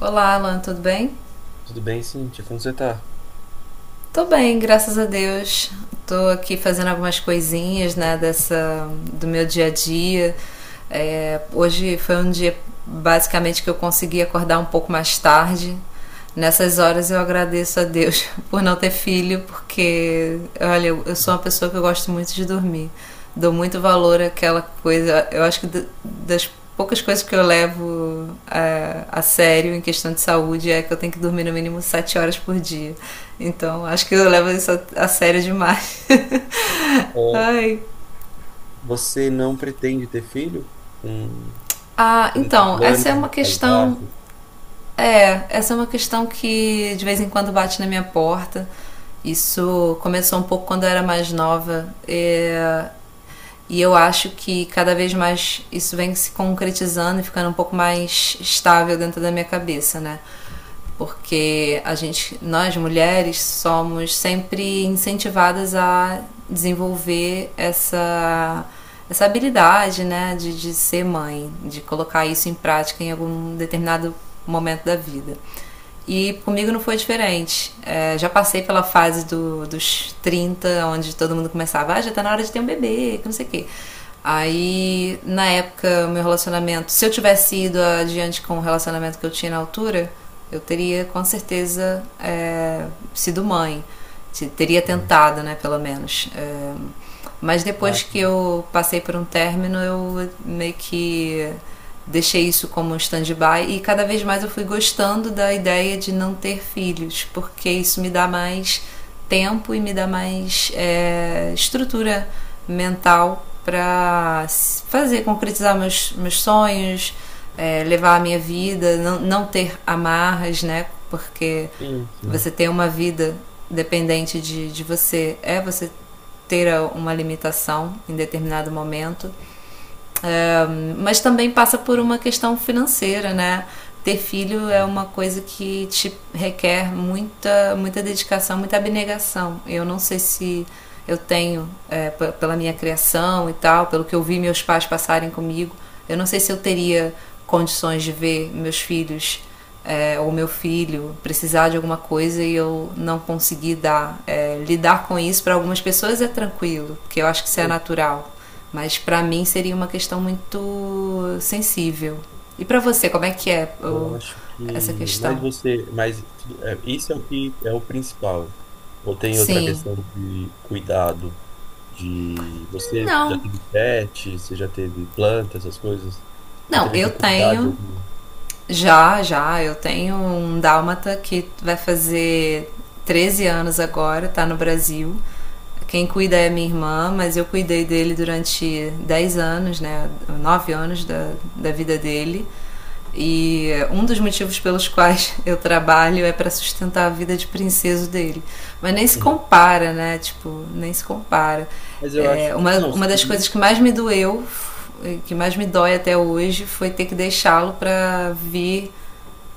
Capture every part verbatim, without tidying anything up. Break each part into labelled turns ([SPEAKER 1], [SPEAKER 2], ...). [SPEAKER 1] Olá, Alan, tudo bem?
[SPEAKER 2] Tudo bem, Cíntia? Como você tá?
[SPEAKER 1] Tô bem, graças a Deus. Tô aqui fazendo algumas coisinhas, né, dessa do meu dia a dia. É, hoje foi um dia basicamente que eu consegui acordar um pouco mais tarde. Nessas horas eu agradeço a Deus por não ter filho, porque olha, eu eu sou uma pessoa que eu gosto muito de dormir. Dou muito valor àquela coisa. Eu acho que d- das poucas coisas que eu levo é, a sério em questão de saúde é que eu tenho que dormir no mínimo sete horas por dia. Então, acho que eu levo isso a, a sério demais.
[SPEAKER 2] Ó,
[SPEAKER 1] Ai.
[SPEAKER 2] Você não pretende ter filho? Um,
[SPEAKER 1] Ah,
[SPEAKER 2] Você não tem
[SPEAKER 1] então,
[SPEAKER 2] plano
[SPEAKER 1] essa é uma
[SPEAKER 2] de casar?
[SPEAKER 1] questão.
[SPEAKER 2] você
[SPEAKER 1] É, essa é uma questão que de vez em quando bate na minha porta. Isso começou um pouco quando eu era mais nova. E, e eu acho que cada vez mais isso vem se concretizando e ficando um pouco mais estável dentro da minha cabeça, né? Porque a gente, nós mulheres somos sempre incentivadas a desenvolver essa essa habilidade, né, de, de ser mãe, de colocar isso em prática em algum determinado momento da vida. E comigo não foi diferente. É, já passei pela fase do, dos trinta onde todo mundo começava, ah, já tá na hora de ter um bebê, que não sei o quê. Aí, na época, meu relacionamento, se eu tivesse ido adiante com o relacionamento que eu tinha na altura, eu teria com certeza é, sido mãe. Teria
[SPEAKER 2] tem-
[SPEAKER 1] tentado, né, pelo menos. É, mas depois
[SPEAKER 2] Mas,
[SPEAKER 1] que eu passei por um término, eu meio que deixei isso como um stand-by e cada vez mais eu fui gostando da ideia de não ter filhos, porque isso me dá mais tempo e me dá mais é, estrutura mental para fazer, concretizar meus, meus sonhos, é, levar a minha vida, não, não ter amarras, né? Porque
[SPEAKER 2] enfim.
[SPEAKER 1] você ter uma vida dependente de, de você é você ter uma limitação em determinado momento um, mas também passa por uma questão financeira, né? Ter filho é uma coisa que te requer muita, muita dedicação, muita abnegação. Eu não sei se eu tenho, é, pela minha criação e tal, pelo que eu vi meus pais passarem comigo, eu não sei se eu teria condições de ver meus filhos é, ou meu filho precisar de alguma coisa e eu não conseguir dar. É, lidar com isso para algumas pessoas é tranquilo, porque eu acho que isso é
[SPEAKER 2] Eu
[SPEAKER 1] natural. Mas para mim seria uma questão muito sensível. E para você, como é que é
[SPEAKER 2] eu acho
[SPEAKER 1] essa
[SPEAKER 2] que. Mas
[SPEAKER 1] questão?
[SPEAKER 2] você. Mas tudo- é, isso é o que é o principal. Ou tem outra
[SPEAKER 1] Sim.
[SPEAKER 2] questão de cuidado? De. Você já
[SPEAKER 1] Não.
[SPEAKER 2] teve pet? Você já teve planta, essas coisas? Já
[SPEAKER 1] Não,
[SPEAKER 2] teve
[SPEAKER 1] eu
[SPEAKER 2] que cuidar de
[SPEAKER 1] tenho
[SPEAKER 2] algum.
[SPEAKER 1] Já, já. Eu tenho um dálmata que vai fazer treze anos agora, tá no Brasil. Quem cuida é minha irmã, mas eu cuidei dele durante dez anos, né? Nove anos da, da vida dele. E um dos motivos pelos quais eu trabalho é para sustentar a vida de princeso dele. Mas nem se
[SPEAKER 2] Uhum.
[SPEAKER 1] compara, né? Tipo, nem se compara.
[SPEAKER 2] Mas eu
[SPEAKER 1] É,
[SPEAKER 2] acho que.
[SPEAKER 1] uma,
[SPEAKER 2] Não,
[SPEAKER 1] uma das coisas
[SPEAKER 2] sim.
[SPEAKER 1] que mais me doeu, que mais me dói até hoje, foi ter que deixá-lo para vir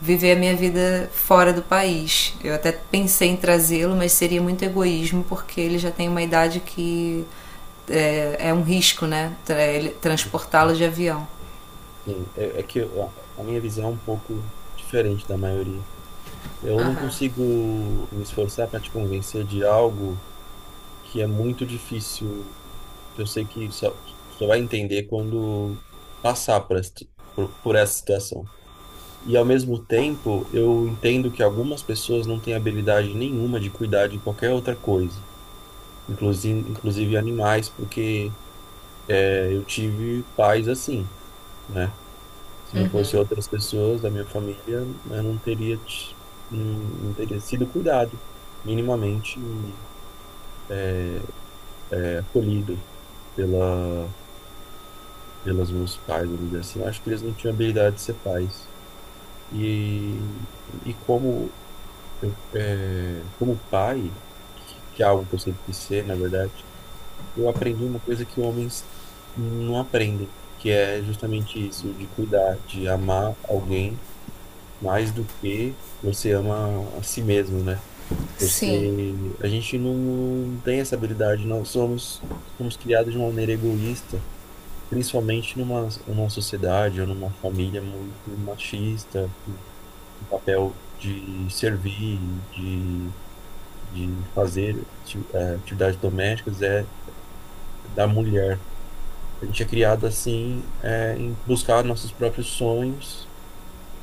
[SPEAKER 1] viver a minha vida fora do país. Eu até pensei em trazê-lo, mas seria muito egoísmo, porque ele já tem uma idade que é, é um risco, né? Transportá-lo de avião.
[SPEAKER 2] Sim, é, é que eu- a a minha visão é um pouco diferente da maioria. Eu não consigo me esforçar para te convencer de algo que é muito difícil, que eu sei que só, só vai entender quando passar por, essa- por, por essa situação. E ao mesmo tempo, eu entendo que algumas pessoas não têm habilidade nenhuma de cuidar de qualquer outra coisa, inclusive, inclusive animais, porque eh, eu tive pais assim, né? Se não fosse outras pessoas da minha família, eu não teria, ti- não, não teria sido cuidado, minimamente nem acolhido pela, pelos meus pais, vamos dizer assim. Acho que eles não tinham habilidade de ser pais. E, e como, é, como pai, que é algo que eu sempre quis ser, na verdade, eu aprendi uma coisa que homens não aprendem, que é justamente isso, de cuidar, de amar alguém mais do que você ama a si mesmo, né? Você,
[SPEAKER 1] Sim.
[SPEAKER 2] a gente não tem essa habilidade, nós somos, somos criados de uma maneira egoísta, principalmente numa, numa sociedade ou numa família muito machista, o papel de servir, de, de fazer ati- eh, atividades domésticas é da mulher. A gente é criado assim, eh, em buscar nossos próprios sonhos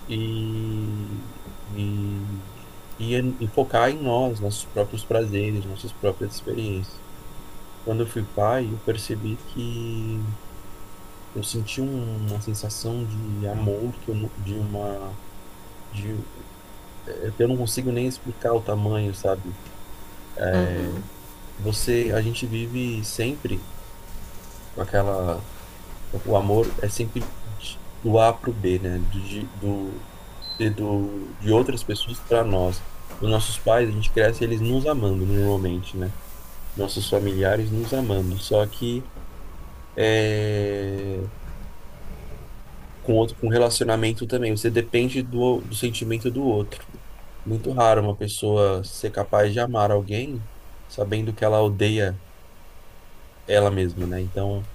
[SPEAKER 2] e, e, e, e focar em nós, nossos próprios prazeres, nossas próprias experiências. Quando eu fui pai, eu percebi que eu senti um- uma sensação de amor, que eu, nu- de uma, de, é que eu não consigo nem explicar o tamanho, sabe?
[SPEAKER 1] Uhum.
[SPEAKER 2] Você, a gente vive sempre com aquela, o amor é sempre de- do A para o B, né? Do, de- do, e do, de outras pessoas para nós. Os nossos pais, a gente cresce eles nos amando normalmente, né? Nossos familiares nos amando. Só que é, com outro, com relacionamento também, você depende do, do sentimento do outro. Muito raro uma pessoa ser capaz de amar alguém sabendo que ela odeia ela mesma, né? Então,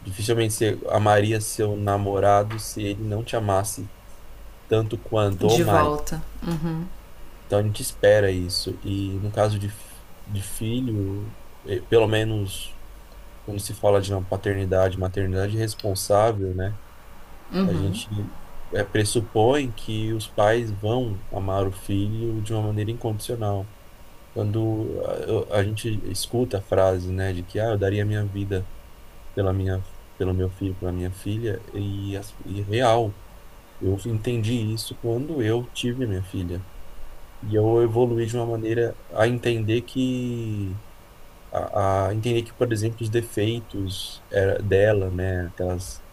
[SPEAKER 2] dificilmente você amaria seu namorado se ele não te amasse tanto quanto
[SPEAKER 1] De
[SPEAKER 2] ou mais.
[SPEAKER 1] volta.
[SPEAKER 2] Então a gente espera isso. E no caso de, fi- de filho, eh, pelo menos quando se fala de uma paternidade, maternidade responsável, né? A
[SPEAKER 1] Uhum.
[SPEAKER 2] gente eh, pressupõe que os pais vão amar o filho de uma maneira incondicional. Quando ah, eu- a gente escuta a frase, né, de que ah, eu daria a minha vida pela minha, pelo meu filho, pela minha filha, e, as- e real, eu entendi isso quando eu tive minha filha. E eu evoluí de uma maneira a entender que a, a entender que, por exemplo, os defeitos era- dela, né, aquelas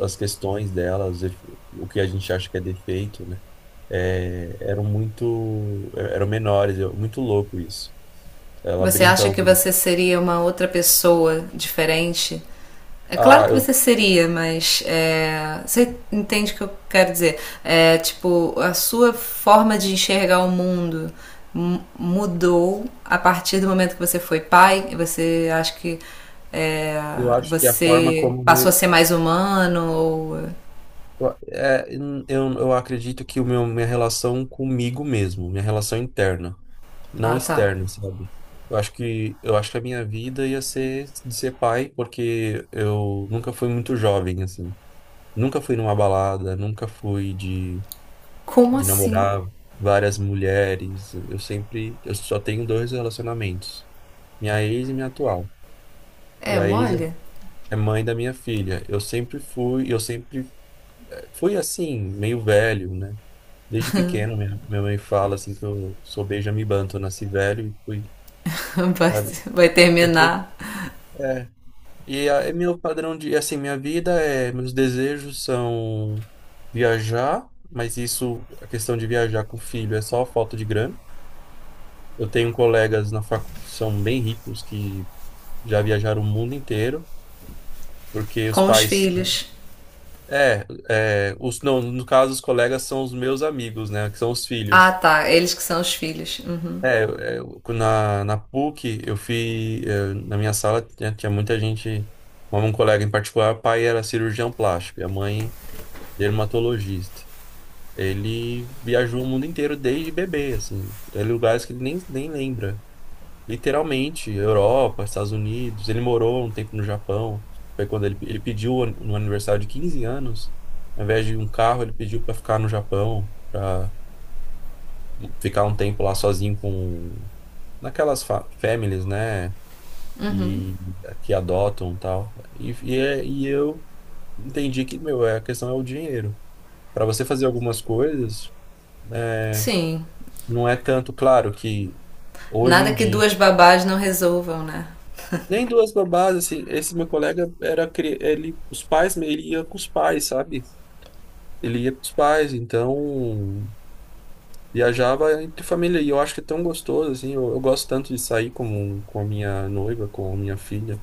[SPEAKER 2] as questões dela, os def- o que a gente acha que é defeito, né, é, eram muito eram menores, eu- muito louco isso. Ela
[SPEAKER 1] Você
[SPEAKER 2] brinca,
[SPEAKER 1] acha que você seria uma outra pessoa diferente. É claro
[SPEAKER 2] ah,
[SPEAKER 1] que
[SPEAKER 2] eu,
[SPEAKER 1] você seria, mas é, você entende o que eu quero dizer? É, tipo, a sua forma de enxergar o mundo mudou a partir do momento que você foi pai, e você acha que é,
[SPEAKER 2] eu acho que a forma
[SPEAKER 1] você
[SPEAKER 2] como
[SPEAKER 1] passou a
[SPEAKER 2] eu,
[SPEAKER 1] ser mais humano ou...
[SPEAKER 2] é, eu, eu acredito que o meu, minha relação comigo mesmo, minha relação interna não
[SPEAKER 1] Ah, tá.
[SPEAKER 2] externo, sabe? Eu acho que eu acho que a minha vida ia ser de ser pai, porque eu nunca fui muito jovem assim. Nunca fui numa balada, nunca fui de
[SPEAKER 1] Como
[SPEAKER 2] de
[SPEAKER 1] assim?
[SPEAKER 2] namorar várias mulheres. Eu sempre eu só tenho dois relacionamentos, minha ex e minha atual. E
[SPEAKER 1] É,
[SPEAKER 2] a ex
[SPEAKER 1] molha?
[SPEAKER 2] é é mãe da minha filha. Eu sempre fui, eu sempre eh, fui assim, meio velho, né? Desde pequeno, minha, minha mãe fala assim que eu sou Benjamin Button, nasci velho e fui,
[SPEAKER 1] Vai,
[SPEAKER 2] sabe?
[SPEAKER 1] vai
[SPEAKER 2] Eu tenho,
[SPEAKER 1] terminar
[SPEAKER 2] é, E a- É meu padrão de, assim, minha vida é, meus desejos são viajar, mas isso, a questão de viajar com o filho é só falta de grana. Eu tenho colegas na facu que são bem ricos, que já viajaram o mundo inteiro, porque os
[SPEAKER 1] com os
[SPEAKER 2] pais,
[SPEAKER 1] filhos.
[SPEAKER 2] é, é, os, não, no caso, os colegas são os meus amigos, né, que são os
[SPEAKER 1] Ah,
[SPEAKER 2] filhos.
[SPEAKER 1] tá. Eles que são os filhos. Uhum.
[SPEAKER 2] É, é, na, na P U C, eu fui, eh, na minha sala tinha, tinha muita gente, um um colega em particular, o pai era cirurgião plástico, e a mãe dermatologista. Ele viajou o mundo inteiro desde bebê, assim. Tem lugares que ele nem, nem lembra. Literalmente, Europa, Estados Unidos. Ele morou um tempo no Japão. Foi quando ele, ele pediu no aniversário de quinze anos, ao invés de um carro, ele pediu para ficar no Japão, para ficar um tempo lá sozinho com naquelas fa- families, né? E que adotam e tal. E, e, é- e eu entendi que, meu, é- a questão é o dinheiro. Para você fazer algumas coisas, É,
[SPEAKER 1] Sim.
[SPEAKER 2] não é tanto, claro, que hoje em
[SPEAKER 1] Nada que
[SPEAKER 2] dia.
[SPEAKER 1] duas babás não resolvam, né?
[SPEAKER 2] Nem duas babás, assim, esse meu colega era cri- ele, os pais, ele ia com os pais, sabe? Ele ia com os pais, então viajava entre família. E eu acho que é tão gostoso, assim, eu, eu gosto tanto de sair com, com a minha noiva, com a minha filha.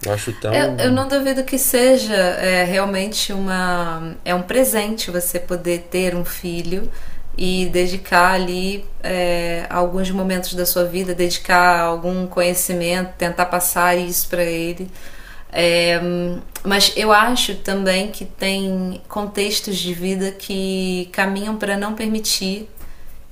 [SPEAKER 2] Eu acho
[SPEAKER 1] Eu, eu
[SPEAKER 2] tão.
[SPEAKER 1] não duvido que seja é, realmente uma, é um presente você poder ter um filho e dedicar ali é, alguns momentos da sua vida, dedicar algum conhecimento, tentar passar isso para ele. É, mas eu acho também que tem contextos de vida que caminham para não permitir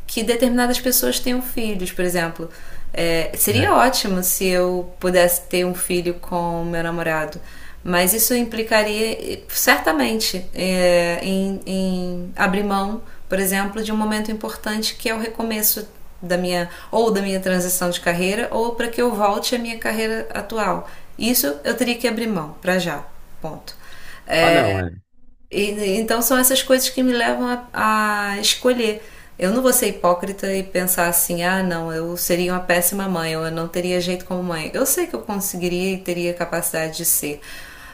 [SPEAKER 1] que determinadas pessoas tenham filhos, por exemplo. É,
[SPEAKER 2] É.
[SPEAKER 1] seria ótimo se eu pudesse ter um filho com meu namorado, mas isso implicaria certamente é, em, em abrir mão, por exemplo, de um momento importante que é o recomeço da minha ou da minha transição de carreira ou para que eu volte à minha carreira atual. Isso eu teria que abrir mão para já. Ponto.
[SPEAKER 2] Ah, não, é.
[SPEAKER 1] E então são essas coisas que me levam a, a escolher. Eu não vou ser hipócrita e pensar assim, ah, não, eu seria uma péssima mãe, ou eu não teria jeito como mãe. Eu sei que eu conseguiria e teria capacidade de ser,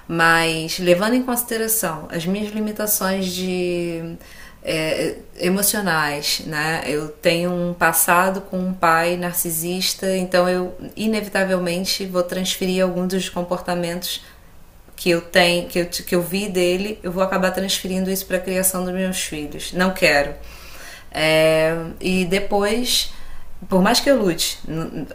[SPEAKER 1] mas levando em consideração as minhas limitações de é, emocionais, né? Eu tenho um passado com um pai narcisista, então eu inevitavelmente vou transferir alguns dos comportamentos que eu tenho, que eu, que eu vi dele, eu vou acabar transferindo isso para a criação dos meus filhos. Não quero. É, e depois, por mais que eu lute,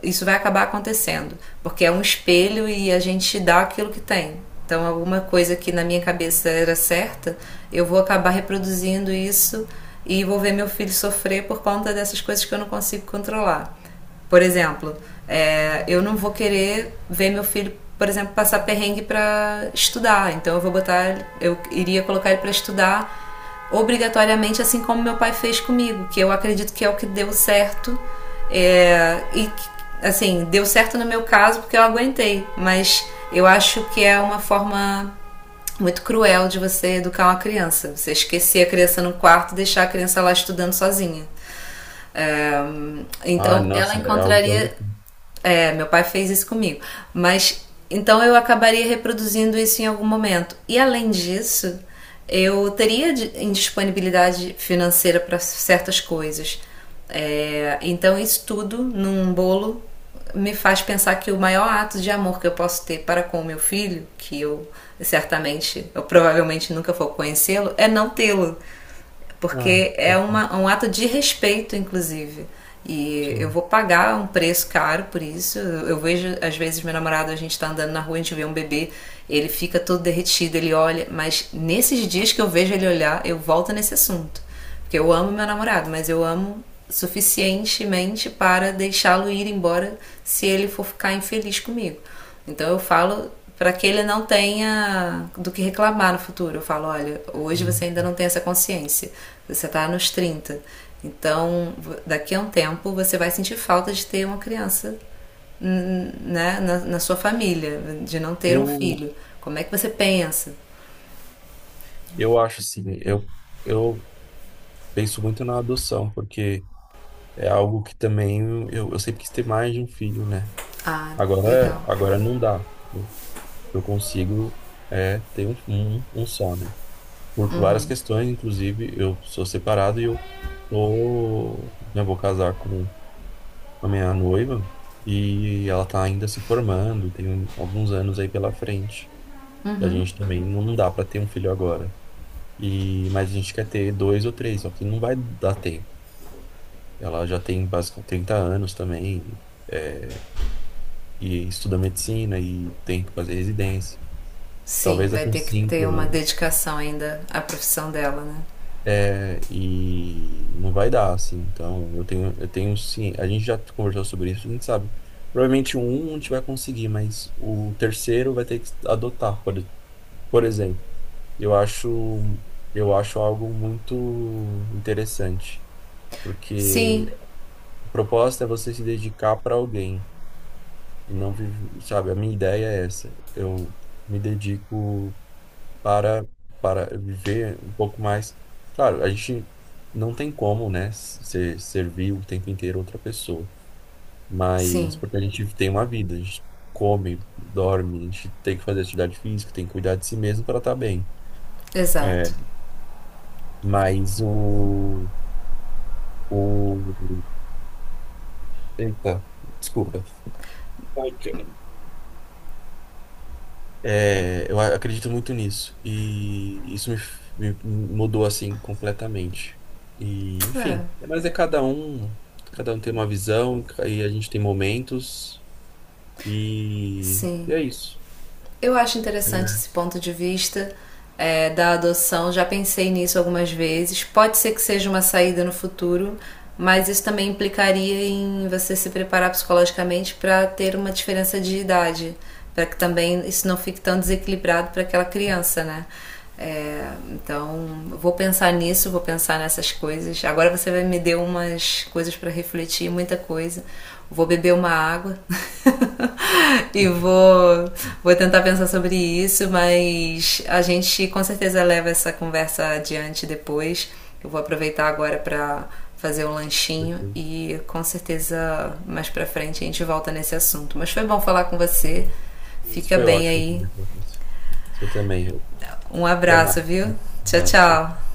[SPEAKER 1] isso vai acabar acontecendo, porque é um espelho e a gente dá aquilo que tem. Então, alguma coisa que na minha cabeça era certa, eu vou acabar reproduzindo isso e vou ver meu filho sofrer por conta dessas coisas que eu não consigo controlar. Por exemplo, é, eu não vou querer ver meu filho, por exemplo, passar perrengue para estudar. Então eu vou botar, eu iria colocar ele para estudar obrigatoriamente, assim como meu pai fez comigo, que eu acredito que é o que deu certo. É, e assim, deu certo no meu caso porque eu aguentei, mas eu acho que é uma forma muito cruel de você educar uma criança. Você esquecer a criança no quarto e deixar a criança lá estudando sozinha. É,
[SPEAKER 2] Ah,
[SPEAKER 1] então ela
[SPEAKER 2] nossa, é algo que eu
[SPEAKER 1] encontraria.
[SPEAKER 2] não.
[SPEAKER 1] É, meu pai fez isso comigo. Mas então eu acabaria reproduzindo isso em algum momento. E além disso, eu teria indisponibilidade financeira para certas coisas. É, então isso tudo num bolo me faz pensar que o maior ato de amor que eu posso ter para com o meu filho, que eu certamente, eu provavelmente nunca vou conhecê-lo, é não tê-lo.
[SPEAKER 2] Ah,
[SPEAKER 1] Porque é uma, um ato de respeito, inclusive. E eu
[SPEAKER 2] sim.
[SPEAKER 1] vou pagar um preço caro por isso. Eu, vejo, às vezes, meu namorado, a gente tá andando na rua, a gente vê um bebê, ele fica todo derretido, ele olha, mas nesses dias que eu vejo ele olhar, eu volto nesse assunto. Porque eu amo meu namorado, mas eu amo suficientemente para deixá-lo ir embora se ele for ficar infeliz comigo. Então eu falo para que ele não tenha do que reclamar no futuro. Eu falo, olha, hoje
[SPEAKER 2] Hum.
[SPEAKER 1] você ainda não tem essa consciência. Você está nos trinta. Então, daqui a um tempo você vai sentir falta de ter uma criança, né, na, na sua família, de não ter um
[SPEAKER 2] Eu,
[SPEAKER 1] filho. Como é que você pensa?
[SPEAKER 2] eu acho assim, eu, eu penso muito na adoção, porque. É algo que também eu, eu sempre quis ter mais de um filho, né?
[SPEAKER 1] Ah, legal.
[SPEAKER 2] Agora, agora não dá. Eu eu consigo é ter um, um, um só, né? Por várias questões, inclusive eu sou separado e eu tô, né, vou casar com a minha noiva e ela tá ainda se formando, tem um, alguns anos aí pela frente. E a gente também não dá para ter um filho agora. E mas a gente quer ter dois ou três, só que não vai dar ter. Ela já tem basicamente trinta anos também. é, e estuda medicina e tem que fazer residência.
[SPEAKER 1] Sim,
[SPEAKER 2] Talvez
[SPEAKER 1] vai
[SPEAKER 2] daqui
[SPEAKER 1] ter
[SPEAKER 2] uns
[SPEAKER 1] que ter
[SPEAKER 2] cinco
[SPEAKER 1] uma
[SPEAKER 2] anos.
[SPEAKER 1] dedicação ainda à profissão dela, né?
[SPEAKER 2] É, e não vai dar, assim. Então, eu tenho, eu tenho sim. A gente já conversou sobre isso, a gente sabe. Provavelmente um a gente vai conseguir, mas o terceiro vai ter que adotar, por, por exemplo. Eu acho, eu acho algo muito interessante, porque
[SPEAKER 1] Sim,
[SPEAKER 2] a proposta é você se dedicar para alguém e não viver, sabe? A minha ideia é essa. Eu me dedico para, para viver um pouco mais. Claro, a gente não tem como, né, se, servir o tempo inteiro outra pessoa, mas
[SPEAKER 1] sim,
[SPEAKER 2] porque a gente tem uma vida, a gente come, dorme, a gente tem que fazer atividade física, tem que cuidar de si mesmo para estar bem. É,
[SPEAKER 1] exato.
[SPEAKER 2] mas o, o... Eita, desculpa. É, eu a- acredito muito nisso. E isso me, f- me mudou assim completamente. E,
[SPEAKER 1] É,
[SPEAKER 2] enfim, mas é cada um, cada um tem uma visão, e a gente tem momentos, e, e
[SPEAKER 1] sim.
[SPEAKER 2] é isso.
[SPEAKER 1] Eu acho interessante esse ponto de vista é, da adoção, já pensei nisso algumas vezes. Pode ser que seja uma saída no futuro, mas isso também implicaria em você se preparar psicologicamente para ter uma diferença de idade, para que também isso não fique tão desequilibrado para aquela criança, né? É, então, vou pensar nisso, vou pensar nessas coisas. Agora você vai me deu umas coisas para refletir, muita coisa. Vou beber uma água e
[SPEAKER 2] Uhum.
[SPEAKER 1] vou, vou tentar pensar sobre isso, mas a gente com certeza leva essa conversa adiante depois. Eu vou aproveitar agora para fazer um lanchinho e com certeza mais para frente a gente volta nesse assunto. Mas foi bom falar com você. Fica
[SPEAKER 2] Foi
[SPEAKER 1] bem
[SPEAKER 2] ótimo
[SPEAKER 1] aí.
[SPEAKER 2] conversar com você. Você também.
[SPEAKER 1] Um
[SPEAKER 2] Até
[SPEAKER 1] abraço,
[SPEAKER 2] mais.
[SPEAKER 1] viu?
[SPEAKER 2] Um
[SPEAKER 1] Tchau,
[SPEAKER 2] abraço. Tchau.
[SPEAKER 1] tchau.